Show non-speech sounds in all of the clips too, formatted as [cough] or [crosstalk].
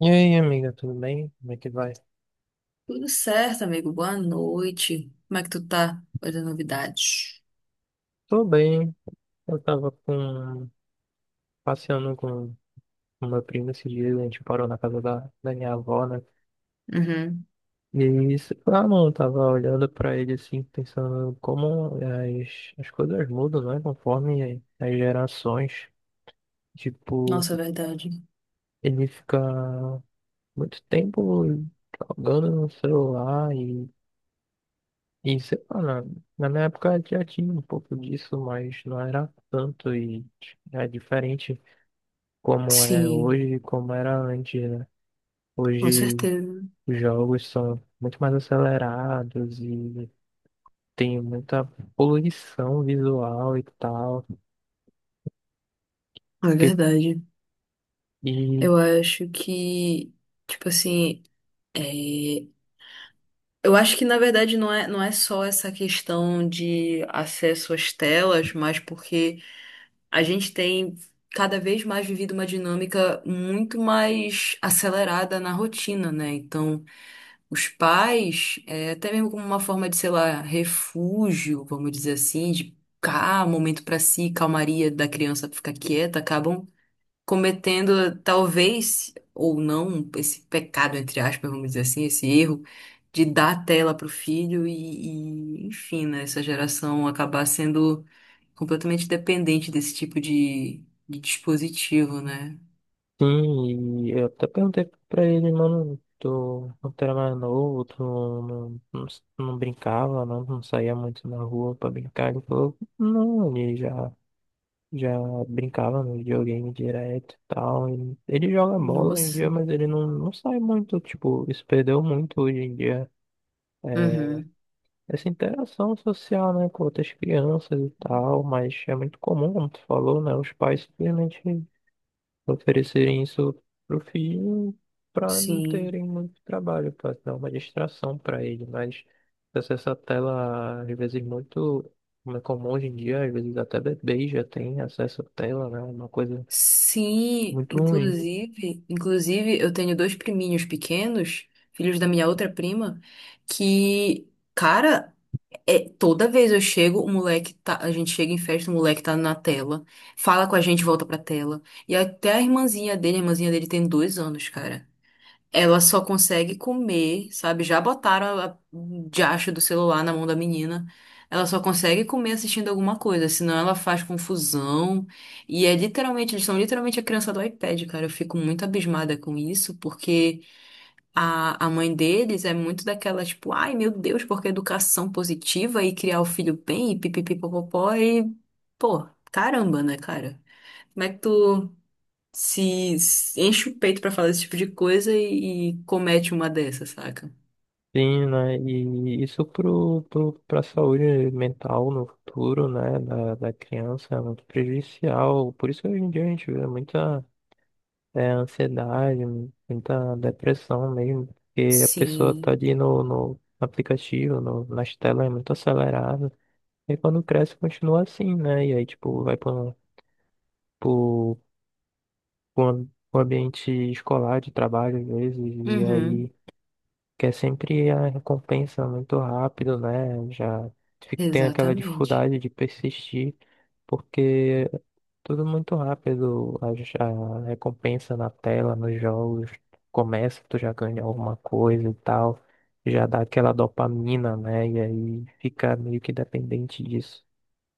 E aí, amiga, tudo bem? Como é que vai? Tudo certo, amigo. Boa noite. Como é que tu tá? Quais as novidades? Tô bem. Eu tava passeando com o meu primo esses dias, a gente parou na casa da minha avó, né? Uhum. E isso, não, eu tava olhando pra ele assim, pensando como as coisas mudam, né? Conforme as gerações. Tipo, Nossa, é verdade. ele fica muito tempo jogando no celular e sei lá, na minha época já tinha um pouco disso, mas não era tanto e é diferente como é Sim, hoje e como era antes, né? com Hoje certeza. os jogos são muito mais acelerados e tem muita poluição visual e tal. É Que, verdade. e Eu acho que, tipo assim, é, eu acho que na verdade não é só essa questão de acesso às telas, mas porque a gente tem cada vez mais vivido uma dinâmica muito mais acelerada na rotina, né? Então, os pais, até mesmo como uma forma de, sei lá, refúgio, vamos dizer assim, de cá, momento para si, calmaria da criança pra ficar quieta, acabam cometendo talvez ou não esse pecado, entre aspas, vamos dizer assim, esse erro de dar tela para o filho enfim, né, essa geração acabar sendo completamente dependente desse tipo de dispositivo, né? Sim, e eu até perguntei pra ele, mano, tu quando tu era mais novo, tu não brincava, não saía muito na rua pra brincar. Ele falou, não, ele já. Já brincava no videogame direto e tal. E ele joga bola hoje em dia, Nossa. mas ele não sai muito. Tipo, isso perdeu muito hoje em dia. é, Uhum. Essa interação social, né, com outras crianças e tal. Mas é muito comum, como tu falou, né? Os pais simplesmente oferecerem isso pro filho para não Sim. terem muito trabalho, para dar uma distração para ele. Mas essa tela, às vezes, muito. Como é comum hoje em dia, às vezes até bebês já têm acesso à tela, né? Uma coisa Sim, muito ruim. Inclusive eu tenho dois priminhos pequenos, filhos da minha outra prima, que, cara, é, toda vez eu chego, o moleque tá, a gente chega em festa, o moleque tá na tela, fala com a gente, volta pra tela. E até a irmãzinha dele tem dois anos, cara. Ela só consegue comer, sabe? Já botaram a diacho do celular na mão da menina. Ela só consegue comer assistindo alguma coisa, senão ela faz confusão. E é literalmente, eles são literalmente a criança do iPad, cara. Eu fico muito abismada com isso, porque a mãe deles é muito daquela, tipo, ai meu Deus, porque educação positiva e criar o filho bem e pipipipopopó e, pô, caramba, né, cara? Como é que tu se enche o peito pra falar esse tipo de coisa e comete uma dessa, saca? Sim, né? E isso pra saúde mental no futuro, né? Da criança é muito prejudicial. Por isso que hoje em dia a gente vê muita ansiedade, muita depressão mesmo. Porque a pessoa tá Sim. ali no aplicativo, no, nas telas, é muito acelerada. E quando cresce, continua assim, né? E aí, tipo, vai pro, pro um ambiente escolar, de trabalho, às vezes. E Uhum. aí, que é sempre a recompensa muito rápido, né? Já tem aquela Exatamente. dificuldade de persistir, porque é tudo muito rápido, a recompensa na tela, nos jogos, começa, tu já ganha alguma coisa e tal, já dá aquela dopamina, né? E aí fica meio que dependente disso.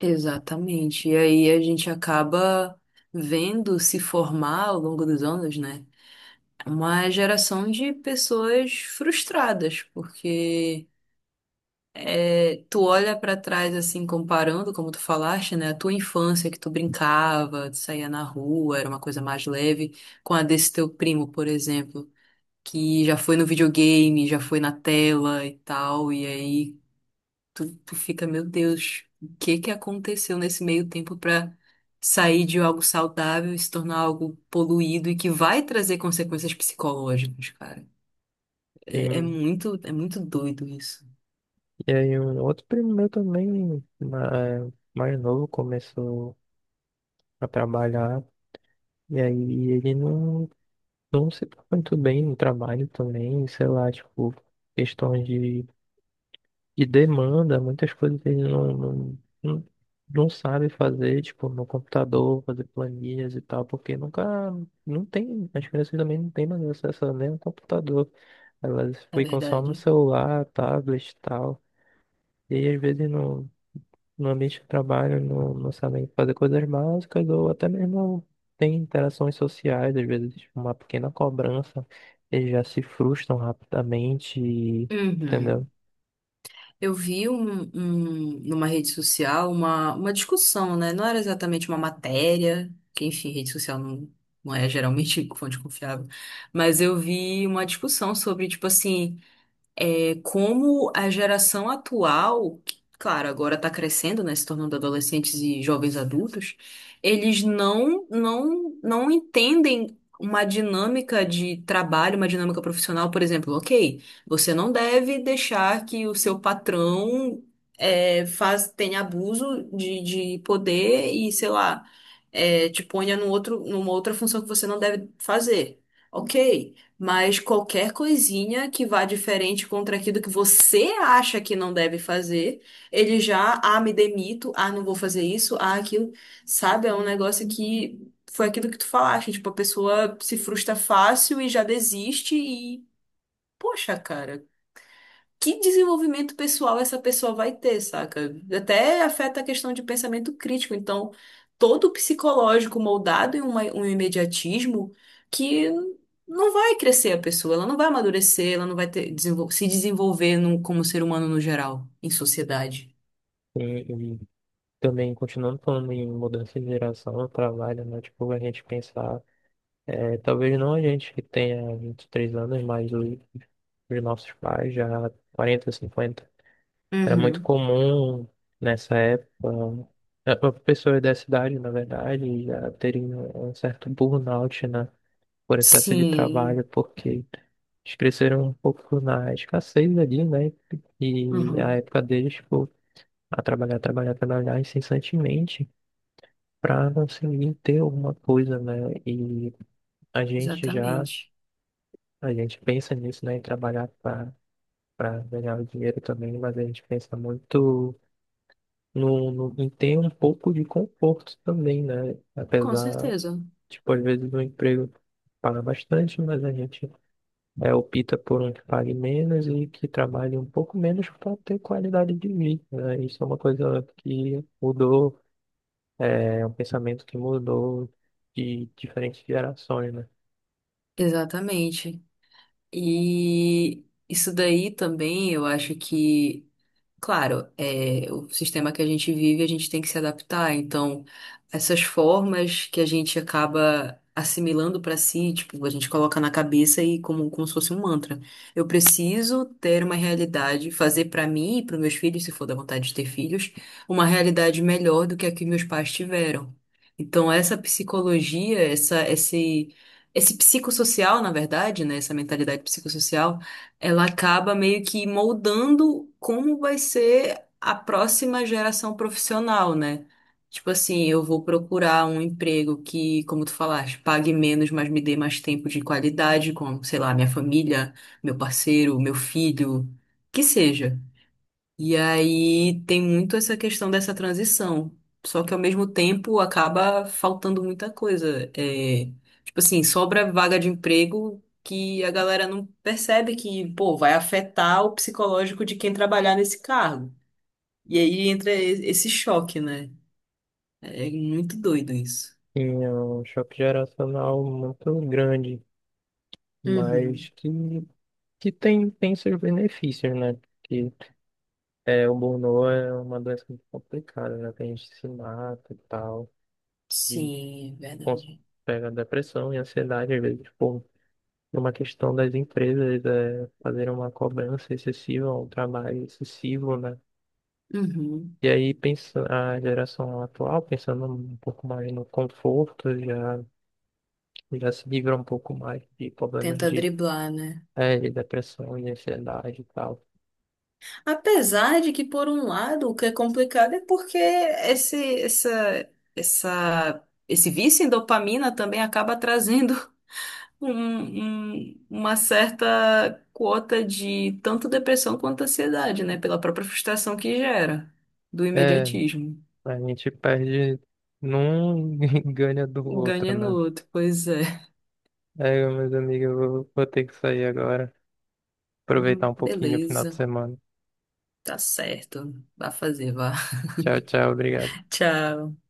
Exatamente. E aí a gente acaba vendo se formar ao longo dos anos, né? Uma geração de pessoas frustradas, porque é, tu olha pra trás assim, comparando, como tu falaste, né, a tua infância que tu brincava, tu saía na rua, era uma coisa mais leve, com a desse teu primo, por exemplo, que já foi no videogame, já foi na tela e tal, e aí tu fica, meu Deus, o que que aconteceu nesse meio tempo pra sair de algo saudável e se tornar algo poluído e que vai trazer consequências psicológicas, cara. É, Sim. É muito doido isso, E aí um outro primo meu também, mais novo, começou a trabalhar. E aí ele não se dá muito bem no trabalho também, sei lá, tipo, questões de demanda, muitas coisas ele não sabe fazer, tipo, no computador, fazer planilhas e tal, porque nunca, não tem, as crianças também não têm mais acesso nem ao computador, elas na ficam só no verdade. celular, tablet e tal, e aí às vezes não, no ambiente de trabalho não, não sabem fazer coisas básicas ou até mesmo tem interações sociais, às vezes tipo, uma pequena cobrança, eles já se frustram rapidamente, Uhum. entendeu? Eu vi numa rede social uma discussão, né? Não era exatamente uma matéria, que enfim, rede social não, não é geralmente [laughs] fonte confiável, mas eu vi uma discussão sobre, tipo assim, como a geração atual, que, claro, agora está crescendo, né, se tornando adolescentes e jovens adultos, eles não entendem uma dinâmica de trabalho, uma dinâmica profissional, por exemplo, ok, você não deve deixar que o seu patrão tenha abuso de poder e, sei lá, te ponha numa outra função que você não deve fazer. Ok, mas qualquer coisinha que vá diferente contra aquilo que você acha que não deve fazer, ele já, ah, me demito, ah, não vou fazer isso, ah, aquilo. Sabe? É um negócio que foi aquilo que tu falaste, tipo, a pessoa se frustra fácil e já desiste e, poxa, cara, que desenvolvimento pessoal essa pessoa vai ter, saca? Até afeta a questão de pensamento crítico. Então, todo psicológico moldado em um imediatismo que não vai crescer a pessoa, ela não vai amadurecer, ela se desenvolver como ser humano no geral, em sociedade. E, e também, continuando falando em mudança de geração no trabalho, né? Tipo, a gente pensar, talvez não a gente que tenha 23 anos, mas os nossos pais já 40, 50. Era muito Uhum. comum nessa época, eh, pessoas da cidade, na verdade, já terem um certo burnout, né, por excesso de Sim, trabalho, porque eles cresceram um pouco na escassez ali, né, e a Uhum. época deles, tipo, a trabalhar, trabalhar, trabalhar incessantemente para conseguir ter alguma coisa, né, e a gente já, Exatamente. a gente pensa nisso, né, em trabalhar para ganhar o dinheiro também, mas a gente pensa muito no, no, e tem um pouco de conforto também, né? Com Apesar, certeza. tipo, às vezes o emprego paga bastante, mas a gente opta por um que pague menos e que trabalhe um pouco menos para ter qualidade de vida, né? Isso é uma coisa que mudou, é um pensamento que mudou de diferentes gerações, né? Exatamente. E isso daí também eu acho que claro, é, o sistema que a gente vive, a gente tem que se adaptar. Então, essas formas que a gente acaba assimilando para si, tipo, a gente coloca na cabeça e como se fosse um mantra. Eu preciso ter uma realidade, fazer para mim e para meus filhos, se for da vontade de ter filhos, uma realidade melhor do que a que meus pais tiveram. Então, essa psicologia, esse psicossocial, na verdade, né, essa mentalidade psicossocial ela acaba meio que moldando como vai ser a próxima geração profissional, né? Tipo assim, eu vou procurar um emprego que, como tu falaste, pague menos, mas me dê mais tempo de qualidade com, sei lá, minha família, meu parceiro, meu filho, que seja. E aí tem muito essa questão dessa transição. Só que ao mesmo tempo acaba faltando muita coisa. É, tipo assim, sobra vaga de emprego que a galera não percebe que, pô, vai afetar o psicológico de quem trabalhar nesse cargo. E aí esse choque, né? É muito doido isso. Tinha um choque geracional muito grande, mas Uhum. que tem seus benefícios, né? É, o burnout é uma doença muito complicada, né? Tem gente que se mata e tal, de Sim, é cons- verdade. pega depressão e ansiedade, às vezes, tipo, por uma questão das empresas fazerem uma cobrança excessiva, um trabalho excessivo, né? Uhum. E aí pensa, a geração atual, pensando um pouco mais no conforto, já se livra um pouco mais de problemas Tenta de, driblar, né? é, de depressão e ansiedade e tal. Apesar de que, por um lado, o que é complicado é porque essa, essa, esse vício em dopamina também acaba trazendo [laughs] uma certa quota de tanto depressão quanto ansiedade, né? Pela própria frustração que gera do É, imediatismo. a gente perde num [laughs] e ganha do Um outro, ganha no né? outro, pois é. É, meus amigos, eu vou ter que sair agora. Aproveitar um pouquinho o final de Beleza, semana. tá certo. Vá fazer, vá. Tchau, tchau, obrigado. [laughs] Tchau.